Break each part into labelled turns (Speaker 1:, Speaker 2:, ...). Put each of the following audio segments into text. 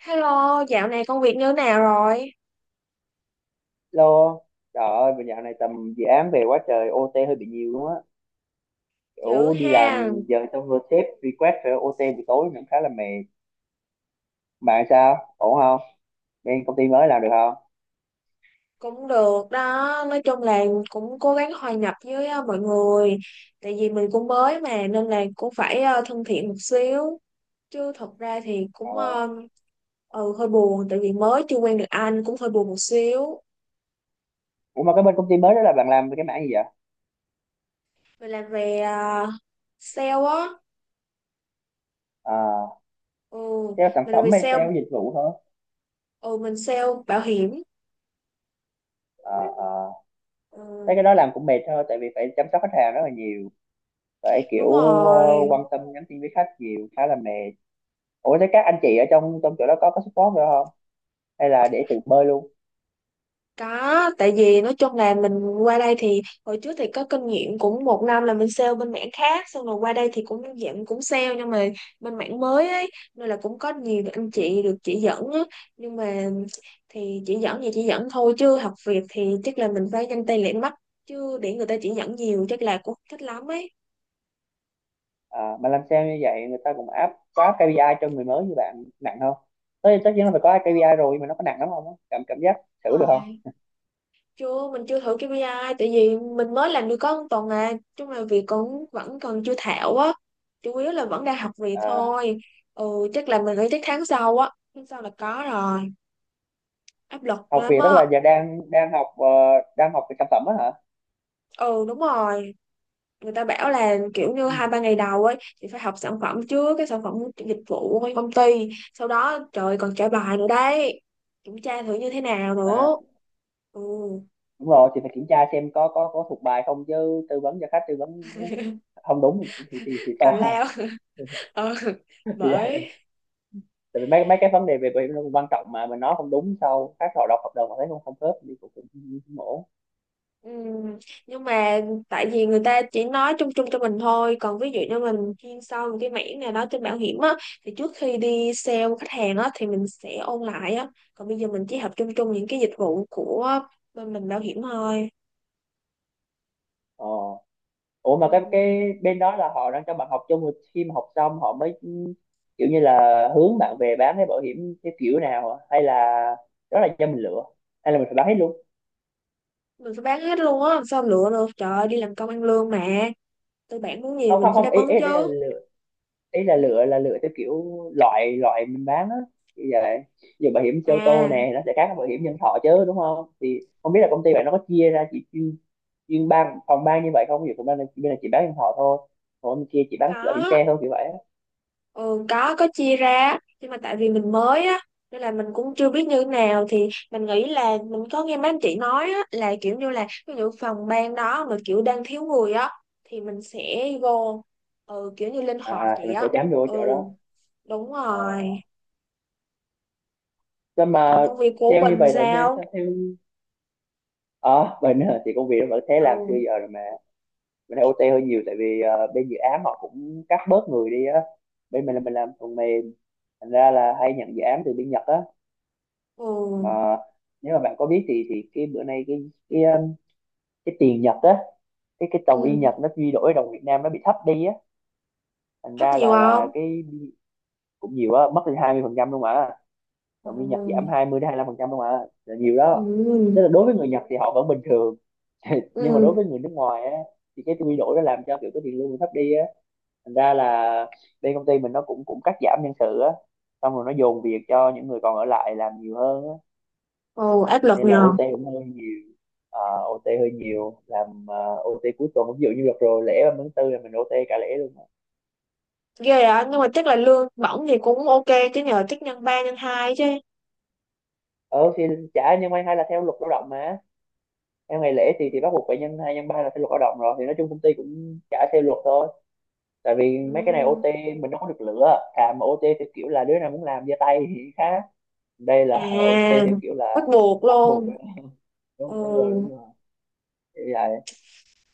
Speaker 1: Hello, dạo này công việc như thế nào rồi?
Speaker 2: Lô, trời ơi, bây dạo này tầm dự án về quá trời OT hơi bị nhiều luôn á.
Speaker 1: Dữ
Speaker 2: Kiểu đi
Speaker 1: ha,
Speaker 2: làm giờ xong rồi sếp request phải OT buổi tối cũng khá là mệt. Bạn sao? Ổn không? Bên công ty mới làm được không?
Speaker 1: cũng được đó. Nói chung là cũng cố gắng hòa nhập với mọi người. Tại vì mình cũng mới mà nên là cũng phải thân thiện một xíu. Chứ thật ra thì
Speaker 2: Ờ.
Speaker 1: hơi buồn tại vì mới chưa quen được anh cũng hơi buồn một xíu.
Speaker 2: Ủa mà cái bên công ty mới đó là bạn làm về cái mảng gì vậy?
Speaker 1: Mình làm về sale á.
Speaker 2: À,
Speaker 1: Ừ,
Speaker 2: sale sản
Speaker 1: mình làm
Speaker 2: phẩm
Speaker 1: về
Speaker 2: hay
Speaker 1: sale,
Speaker 2: sale dịch vụ thôi?
Speaker 1: ừ, mình sale bảo hiểm.
Speaker 2: À, à. Thấy
Speaker 1: Ừ,
Speaker 2: cái đó làm cũng mệt thôi, tại vì phải chăm sóc khách hàng rất là nhiều. Phải kiểu
Speaker 1: đúng
Speaker 2: ờ,
Speaker 1: rồi.
Speaker 2: quan tâm nhắn tin với khách nhiều, khá là mệt. Ủa thế các anh chị ở trong trong chỗ đó có support nữa không? Hay là để tự bơi luôn?
Speaker 1: Có, tại vì nói chung là mình qua đây thì hồi trước thì có kinh nghiệm cũng một năm là mình sale bên mảng khác, xong rồi qua đây thì cũng dạng cũng sale, nhưng mà bên mảng mới ấy nên là cũng có nhiều anh
Speaker 2: Ừ.
Speaker 1: chị được chỉ dẫn á. Nhưng mà thì chỉ dẫn thôi, chứ học việc thì chắc là mình phải nhanh tay lẹ mắt, chứ để người ta chỉ dẫn nhiều chắc là cũng thích lắm ấy.
Speaker 2: À, mà làm sao như vậy người ta cũng áp có KPI cho người mới như bạn nặng không? Tất tất nhiên là phải có
Speaker 1: Đúng
Speaker 2: KPI rồi, nhưng mà nó có nặng lắm không? Cảm cảm giác thử được
Speaker 1: rồi.
Speaker 2: không?
Speaker 1: Chưa, mình chưa thử KPI tại vì mình mới làm được có một tuần à, chung là việc cũng vẫn còn chưa thạo á, chủ yếu là vẫn đang học việc
Speaker 2: À,
Speaker 1: thôi. Ừ, chắc là mình nghĩ chắc tháng sau á, tháng sau là có rồi, áp lực
Speaker 2: học
Speaker 1: lắm
Speaker 2: việc tức
Speaker 1: á.
Speaker 2: là giờ đang đang học ờ, đang học về sản phẩm á hả?
Speaker 1: Ừ đúng rồi, người ta bảo là kiểu như
Speaker 2: Ừ.
Speaker 1: hai ba ngày đầu ấy thì phải học sản phẩm trước, cái sản phẩm dịch vụ của công ty, sau đó trời ơi, còn trả bài nữa đấy, kiểm tra thử như thế nào
Speaker 2: À,
Speaker 1: nữa. Ừ,
Speaker 2: đúng rồi, thì phải kiểm tra xem có thuộc bài không, chứ tư vấn cho khách, tư vấn không đúng thì thì to
Speaker 1: tào
Speaker 2: à.
Speaker 1: lao. Ừ,
Speaker 2: Thì vậy.
Speaker 1: bởi.
Speaker 2: Tại vì mấy mấy cái vấn đề về về nó cũng quan trọng, mà mình nói không đúng, sau khách họ đọc hợp đồng họ thấy không không khớp thì cũng cũng cũng ổn.
Speaker 1: Ừ, nhưng mà tại vì người ta chỉ nói chung chung cho mình thôi, còn ví dụ như mình chuyên sâu một cái mảng nào đó trên bảo hiểm á, thì trước khi đi sale khách hàng á thì mình sẽ ôn lại á, còn bây giờ mình chỉ học chung chung những cái dịch vụ của bên mình bảo hiểm thôi.
Speaker 2: Ờ, ủa mà
Speaker 1: Ừ.
Speaker 2: cái bên đó là họ đang cho bạn học chung, rồi khi mà học xong họ mới kiểu như là hướng bạn về bán cái bảo hiểm cái kiểu nào à? Hay là đó là do mình lựa, hay là mình phải bán hết luôn?
Speaker 1: Mình phải bán hết luôn á, làm sao lựa được, trời ơi, đi làm công ăn lương mà, tư bản muốn gì
Speaker 2: Không,
Speaker 1: mình
Speaker 2: không,
Speaker 1: phải
Speaker 2: không,
Speaker 1: đáp
Speaker 2: ý
Speaker 1: ứng
Speaker 2: ý đây là
Speaker 1: chứ.
Speaker 2: lựa, ý là
Speaker 1: Ừ.
Speaker 2: lựa, là lựa theo kiểu loại, loại mình bán á, như vậy. Giờ bảo hiểm xe ô tô
Speaker 1: À,
Speaker 2: nè nó sẽ khác với bảo hiểm nhân thọ chứ, đúng không? Thì không biết là công ty bạn nó có chia ra chỉ chuyên chuyên phòng ban như vậy không, ví dụ phòng ban này, bên này chỉ bán nhân thọ thôi, còn bên kia chỉ bán bảo hiểm
Speaker 1: có.
Speaker 2: xe thôi, kiểu vậy á.
Speaker 1: Ừ, có chia ra nhưng mà tại vì mình mới á, nên là mình cũng chưa biết như thế nào, thì mình nghĩ là mình có nghe mấy anh chị nói á, là kiểu như là ví dụ phòng ban đó mà kiểu đang thiếu người á thì mình sẽ vô, ừ, kiểu như linh
Speaker 2: À,
Speaker 1: hoạt
Speaker 2: à, thì
Speaker 1: vậy
Speaker 2: mình sẽ
Speaker 1: á.
Speaker 2: chám vô
Speaker 1: Ừ
Speaker 2: chỗ đó.
Speaker 1: đúng
Speaker 2: ờ
Speaker 1: rồi,
Speaker 2: nhưng
Speaker 1: còn
Speaker 2: mà
Speaker 1: công việc của
Speaker 2: theo như
Speaker 1: Bình
Speaker 2: vậy là nên
Speaker 1: sao?
Speaker 2: sao theo mình thì công việc nó vẫn thế, làm xưa
Speaker 1: Ừ.
Speaker 2: giờ rồi mà. Mình thấy OT hơi nhiều tại vì bên dự án họ cũng cắt bớt người đi á. Bên mình là mình làm phần mềm, thành ra là hay nhận dự án từ bên Nhật á.
Speaker 1: Ừ.
Speaker 2: Mà nếu mà bạn có biết thì cái bữa nay cái tiền Nhật á, cái đồng yên
Speaker 1: Ừ,
Speaker 2: Nhật nó quy đổi đồng Việt Nam nó bị thấp đi á, thành
Speaker 1: thấp
Speaker 2: ra
Speaker 1: nhiều
Speaker 2: là
Speaker 1: không?
Speaker 2: cái cũng nhiều á, mất đi 20% luôn mà. Đồng yên Nhật giảm
Speaker 1: Ừ.
Speaker 2: 20 đến 25% không ạ, là nhiều đó.
Speaker 1: Ừ.
Speaker 2: Tức là đối với người Nhật thì họ vẫn bình thường, nhưng mà đối
Speaker 1: Ừ.
Speaker 2: với người nước ngoài á thì cái quy đổi nó làm cho kiểu cái tiền lương thấp đi á, thành ra là bên công ty mình nó cũng cũng cắt giảm nhân sự á, xong rồi nó dồn việc cho những người còn ở lại làm nhiều hơn á,
Speaker 1: Ừ, áp lực
Speaker 2: nên là
Speaker 1: nhờ.
Speaker 2: OT cũng hơi nhiều. Ờ, OT hơi nhiều, làm OT cuối tuần, ví dụ như đợt rồi lễ 30 tháng tư là mình OT cả lễ luôn mà.
Speaker 1: Ghê á, nhưng mà chắc là lương bổng thì cũng ok chứ nhờ, chắc nhân ba nhân hai chứ.
Speaker 2: Ờ thì trả, nhưng may hay là theo luật lao động mà, theo ngày lễ thì
Speaker 1: Ừ.
Speaker 2: bắt buộc phải nhân hai nhân ba, là theo luật lao động rồi, thì nói chung công ty cũng trả theo luật thôi. Tại vì mấy cái này
Speaker 1: Ừ.
Speaker 2: OT mình đâu có được lựa, thà mà OT theo kiểu là đứa nào muốn làm giơ tay thì khác, đây là OT
Speaker 1: À,
Speaker 2: theo kiểu là
Speaker 1: bắt buộc
Speaker 2: bắt buộc.
Speaker 1: luôn. Ừ,
Speaker 2: Đúng, đúng rồi, đúng rồi. Thì vậy.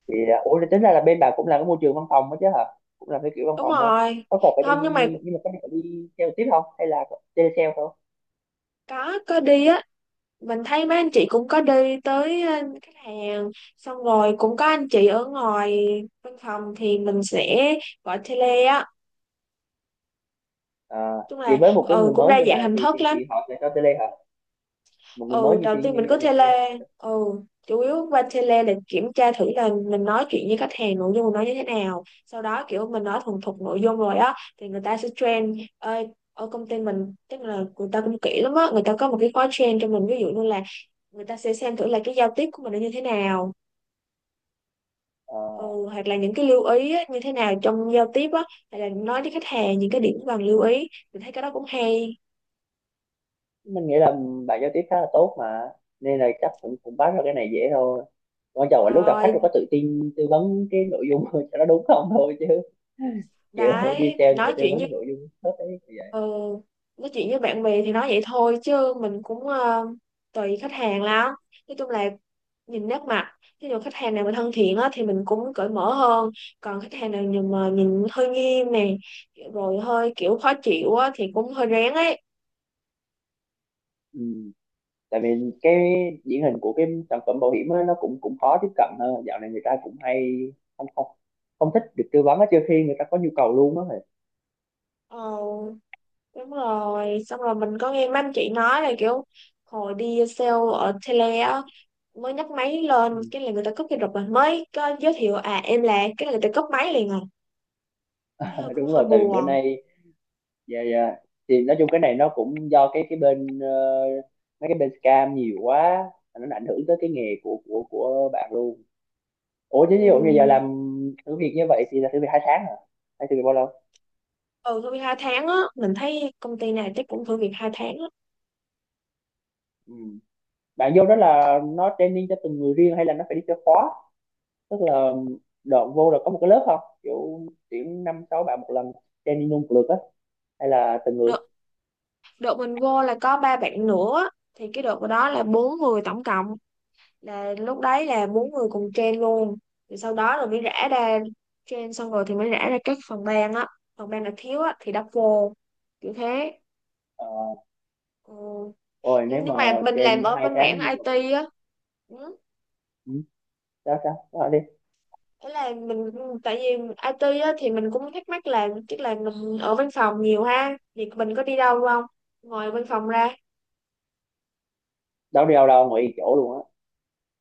Speaker 2: Thì à, ủa, thì tính ra là bên bà cũng làm cái môi trường văn phòng đó chứ hả? Cũng làm cái kiểu văn
Speaker 1: đúng
Speaker 2: phòng á,
Speaker 1: rồi.
Speaker 2: có cần phải đi,
Speaker 1: Không, nhưng mà
Speaker 2: nhưng mà có phải đi theo tiếp không, hay là tele sale thôi?
Speaker 1: có đi á, mình thấy mấy anh chị cũng có đi tới khách hàng, xong rồi cũng có anh chị ở ngoài văn phòng thì mình sẽ gọi tele á.
Speaker 2: À,
Speaker 1: Chung
Speaker 2: vậy
Speaker 1: là
Speaker 2: với một cái
Speaker 1: ừ
Speaker 2: người
Speaker 1: cũng
Speaker 2: mới
Speaker 1: đa
Speaker 2: như
Speaker 1: dạng
Speaker 2: bà
Speaker 1: hình
Speaker 2: thì thì
Speaker 1: thức lắm.
Speaker 2: thì họ sẽ cho tele hả? Một người mới
Speaker 1: Ừ
Speaker 2: như
Speaker 1: đầu
Speaker 2: thì
Speaker 1: tiên
Speaker 2: như
Speaker 1: mình
Speaker 2: như
Speaker 1: có
Speaker 2: vậy là tele
Speaker 1: tele.
Speaker 2: hả?
Speaker 1: Ừ, chủ yếu qua tele là kiểm tra thử là mình nói chuyện với khách hàng, nội dung mình nói như thế nào, sau đó kiểu mình nói thuần thục nội dung rồi á thì người ta sẽ train. Ơi ở công ty mình, tức là người ta cũng kỹ lắm á, người ta có một cái khóa train cho mình, ví dụ như là người ta sẽ xem thử là cái giao tiếp của mình nó như thế nào,
Speaker 2: Ờ.
Speaker 1: ừ, hoặc là những cái lưu ý á, như thế nào trong giao tiếp á, hay là nói với khách hàng những cái điểm cần lưu ý, mình thấy cái đó cũng hay.
Speaker 2: Mình nghĩ là bạn giao tiếp khá là tốt mà, nên là chắc cũng cũng bắt ra cái này dễ thôi, quan trọng là lúc gặp khách
Speaker 1: Thôi
Speaker 2: tôi có tự tin tư vấn cái nội dung cho nó đúng không thôi, chứ kiểu đi
Speaker 1: đấy thì
Speaker 2: sale thì
Speaker 1: nói
Speaker 2: phải tư
Speaker 1: chuyện.
Speaker 2: vấn cái nội dung hết đấy, như vậy.
Speaker 1: Ừ, nói chuyện với bạn bè thì nói vậy thôi chứ mình cũng tùy khách hàng lắm, nói chung là nhìn nét mặt, ví dụ khách hàng nào mà thân thiện á, thì mình cũng cởi mở hơn, còn khách hàng nào nhìn mà nhìn hơi nghiêm nè, rồi hơi kiểu khó chịu á, thì cũng hơi rén ấy.
Speaker 2: Ừ. Tại vì cái điển hình của cái sản phẩm bảo hiểm á, nó cũng cũng khó tiếp cận hơn, dạo này người ta cũng hay không, không, không thích được tư vấn á, trừ khi người ta có nhu cầu luôn á.
Speaker 1: Ờ, đúng rồi, xong rồi mình có nghe mấy anh chị nói là kiểu hồi đi sale ở tele á, mới nhấc máy lên
Speaker 2: Ừ.
Speaker 1: cái là người ta cúp cái rụp, rồi mới có giới thiệu à em là cái là người ta cúp máy liền rồi, thế hơi cũng
Speaker 2: Đúng
Speaker 1: hơi
Speaker 2: rồi, tại vì bữa
Speaker 1: buồn.
Speaker 2: nay, dạ, dạ, thì nói chung cái này nó cũng do cái bên mấy cái bên scam nhiều quá, nó ảnh hưởng tới cái nghề của bạn luôn. Ủa chứ ví dụ như giờ
Speaker 1: Ừ.
Speaker 2: làm thử việc như vậy thì là thử việc 2 tháng hả, hay thử việc bao lâu?
Speaker 1: Ừ, tôi hai tháng á, mình thấy công ty này chắc cũng thử việc hai tháng á.
Speaker 2: Ừ. Bạn vô đó là nó training cho từng người riêng, hay là nó phải đi theo khóa, tức là đợt vô là có một cái lớp không, kiểu tuyển năm sáu bạn một lần, training luôn một lượt á, hay là từng người?
Speaker 1: Đợt, đợt mình vô là có ba bạn nữa á, thì cái đợt đó là bốn người tổng cộng, là lúc đấy là bốn người cùng train luôn. Thì sau đó rồi mới rã ra, train xong rồi thì mới rã ra các phần ban á, phần ban là thiếu á thì đắp vô, kiểu thế.
Speaker 2: Ờ,
Speaker 1: Ừ.
Speaker 2: rồi
Speaker 1: Nhưng
Speaker 2: nếu
Speaker 1: nhưng
Speaker 2: mà
Speaker 1: mà mình làm
Speaker 2: trên
Speaker 1: ở
Speaker 2: hai
Speaker 1: bên mảng
Speaker 2: tháng như vậy.
Speaker 1: IT á. Ừ,
Speaker 2: Ừ. sao sao? Nói đi.
Speaker 1: thế là mình, tại vì IT á, thì mình cũng thắc mắc là tức là mình ở văn phòng nhiều ha thì mình có đi đâu không, ngoài văn phòng ra.
Speaker 2: Đâu đi đâu đâu ngoài chỗ luôn á,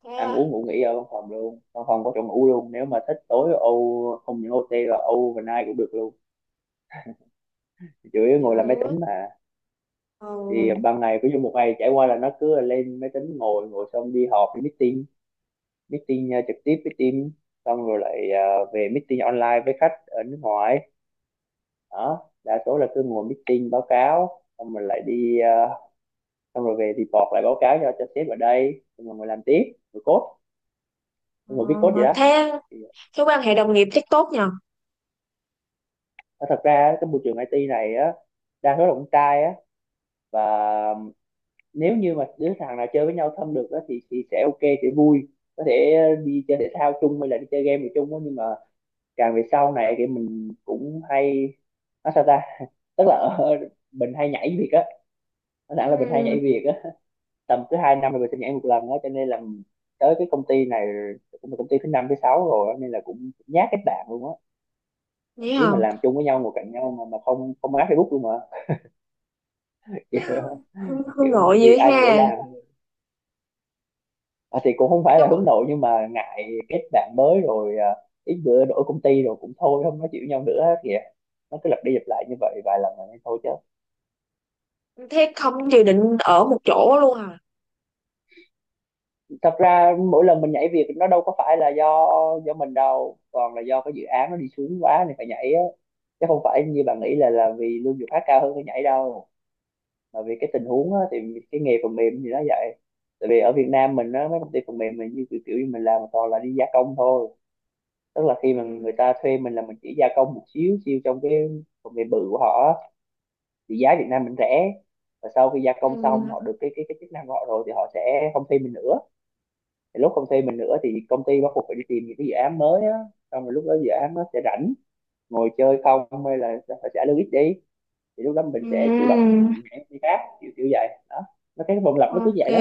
Speaker 1: Thế
Speaker 2: ăn
Speaker 1: à,
Speaker 2: uống ngủ nghỉ ở văn phòng luôn, văn phòng có chỗ ngủ luôn, nếu mà thích tối không những OT là overnight cũng được luôn, chủ yếu
Speaker 1: trời
Speaker 2: ngồi làm máy
Speaker 1: ơi.
Speaker 2: tính mà.
Speaker 1: Ờ,
Speaker 2: Thì ban ngày ví dụ một ngày trải qua là nó cứ lên máy tính ngồi, xong đi họp, đi meeting, meeting trực tiếp với team, xong rồi lại về meeting online với khách ở nước ngoài, đó đa số là cứ ngồi meeting báo cáo, xong rồi lại đi, xong rồi về report lại báo cáo cho sếp ở đây, xong rồi ngồi làm tiếp, ngồi code,
Speaker 1: ờ,
Speaker 2: ngồi viết code, vậy đó.
Speaker 1: thế.
Speaker 2: Thì
Speaker 1: Thế quan hệ đồng nghiệp chắc tốt nhờ?
Speaker 2: Ờ, Thật ra á, cái môi trường IT này á đa số là con trai á, và nếu như mà đứa thằng nào chơi với nhau thân được á thì sẽ ok, sẽ vui, có thể đi chơi thể thao chung hay là đi chơi game gì chung á, nhưng mà càng về sau này thì mình cũng hay nói sao ta, tức là mình hay nhảy việc á, nói thẳng là mình hay
Speaker 1: Ừ,
Speaker 2: nhảy việc á, tầm cứ 2 năm là mình sẽ nhảy một lần á, cho nên là tới cái công ty này cũng là công ty thứ năm thứ sáu rồi á, nên là cũng nhát kết bạn luôn á, thậm
Speaker 1: nghĩ
Speaker 2: chí mà
Speaker 1: không.
Speaker 2: làm chung với nhau ngồi cạnh nhau mà không không áp Facebook luôn mà.
Speaker 1: Hương, Hương
Speaker 2: Kiểu
Speaker 1: nội
Speaker 2: việc
Speaker 1: dữ
Speaker 2: ai gửi
Speaker 1: ha.
Speaker 2: làm. Ờ, thì cũng không phải là
Speaker 1: Nhưng mà
Speaker 2: hướng nội, nhưng mà ngại kết bạn mới rồi à, ít bữa đổi công ty rồi cũng thôi không nói chịu nhau nữa kìa, nó cứ lặp đi lặp lại như vậy vài lần rồi thôi chứ.
Speaker 1: thế không dự định ở một chỗ luôn à?
Speaker 2: Thật ra mỗi lần mình nhảy việc nó đâu có phải là do mình đâu, còn là do cái dự án nó đi xuống quá nên phải nhảy á, chứ không phải như bạn nghĩ là vì lương việc khác cao hơn cái nhảy đâu, mà vì cái
Speaker 1: Ừ.
Speaker 2: tình huống á, thì cái nghề phần mềm thì nó vậy. Tại vì ở Việt Nam mình á mấy công ty phần mềm mình như kiểu như mình làm toàn là đi gia công thôi, tức là khi mà người
Speaker 1: Ừ.
Speaker 2: ta thuê mình là mình chỉ gia công một xíu xíu trong cái công nghệ bự của họ, thì giá Việt Nam mình rẻ, và sau khi gia công xong
Speaker 1: Ừ.
Speaker 2: họ được cái chức năng của họ rồi thì họ sẽ không thuê mình nữa, thì lúc không thuê mình nữa thì công ty bắt buộc phải đi tìm những cái dự án mới á, xong rồi lúc đó dự án nó sẽ rảnh ngồi chơi không, hay là phải trả lương ít đi, thì lúc đó mình sẽ chủ động
Speaker 1: Ừ.
Speaker 2: nhảy đi khác, kiểu kiểu vậy đó, nó cái vòng lặp nó cứ
Speaker 1: Ok,
Speaker 2: vậy đó.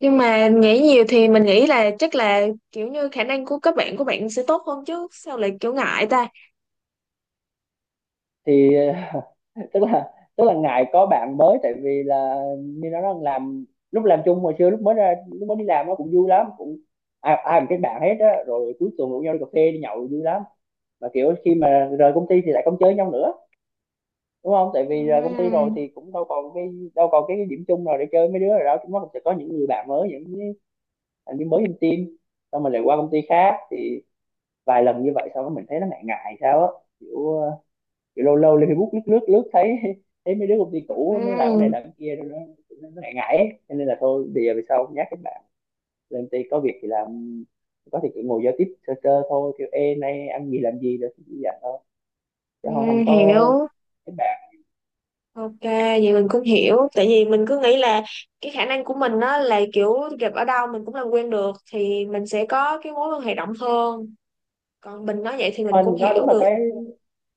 Speaker 1: nhưng mà nghĩ nhiều thì mình nghĩ là chắc là kiểu như khả năng của các bạn của bạn sẽ tốt hơn chứ, sao lại kiểu ngại ta.
Speaker 2: Thì tức là ngại có bạn mới, tại vì là như nó nói làm, lúc làm chung hồi xưa, lúc mới ra, lúc mới đi làm nó cũng vui lắm, cũng ai ai cũng kết bạn hết á, rồi cuối tuần rủ nhau đi cà phê, đi nhậu vui lắm, mà kiểu khi mà rời công ty thì lại không chơi nhau nữa, đúng không, tại vì rời công ty rồi
Speaker 1: Ừm.
Speaker 2: thì cũng đâu còn cái điểm chung nào để chơi, mấy đứa rồi đó chúng nó cũng sẽ có những người bạn mới, những cái thành viên mới trong team, xong mình lại qua công ty khác, thì vài lần như vậy sau đó mình thấy nó ngại ngại sao á, kiểu. Lâu lâu lên Facebook lướt lướt lướt thấy, mấy đứa công ty cũ nó làm cái này
Speaker 1: Ừm.
Speaker 2: làm cái kia rồi nó ngại ngại ấy, cho nên là thôi bây giờ về sau nhắc các bạn, lên công ty có việc thì làm, có thì chỉ ngồi giao tiếp sơ sơ thôi, kiểu ê nay ăn gì làm gì rồi thì dặn thôi, chứ không không
Speaker 1: Ừm,
Speaker 2: có
Speaker 1: hiểu.
Speaker 2: các bạn.
Speaker 1: Ok, vậy mình cũng hiểu, tại vì mình cứ nghĩ là cái khả năng của mình á là kiểu gặp ở đâu mình cũng làm quen được, thì mình sẽ có cái mối quan hệ rộng hơn, còn mình nói vậy thì mình cũng
Speaker 2: Anh nó đúng
Speaker 1: hiểu
Speaker 2: là
Speaker 1: được.
Speaker 2: cái,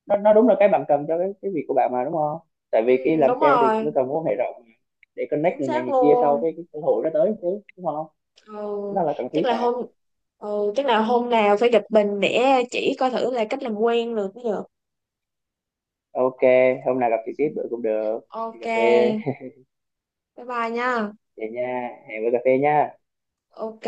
Speaker 2: nó đúng là cái bạn cần cho cái việc của bạn mà, đúng không, tại vì cái làm
Speaker 1: Đúng
Speaker 2: sale thì
Speaker 1: rồi.
Speaker 2: nó cần mối quan hệ rộng, để connect
Speaker 1: Chính
Speaker 2: người này
Speaker 1: xác
Speaker 2: người kia sau
Speaker 1: luôn.
Speaker 2: cái cơ hội nó tới chứ, đúng không,
Speaker 1: Ừ,
Speaker 2: nó là cần
Speaker 1: chắc
Speaker 2: thiết
Speaker 1: là
Speaker 2: mà.
Speaker 1: hôm, chắc là hôm nào phải gặp mình để chỉ coi thử là cách làm quen được bây giờ.
Speaker 2: Ok, hôm nào gặp trực tiếp bữa cũng được, đi
Speaker 1: Ok,
Speaker 2: cà phê.
Speaker 1: bye bye nha.
Speaker 2: Vậy nha, hẹn bữa cà phê nha.
Speaker 1: Ok.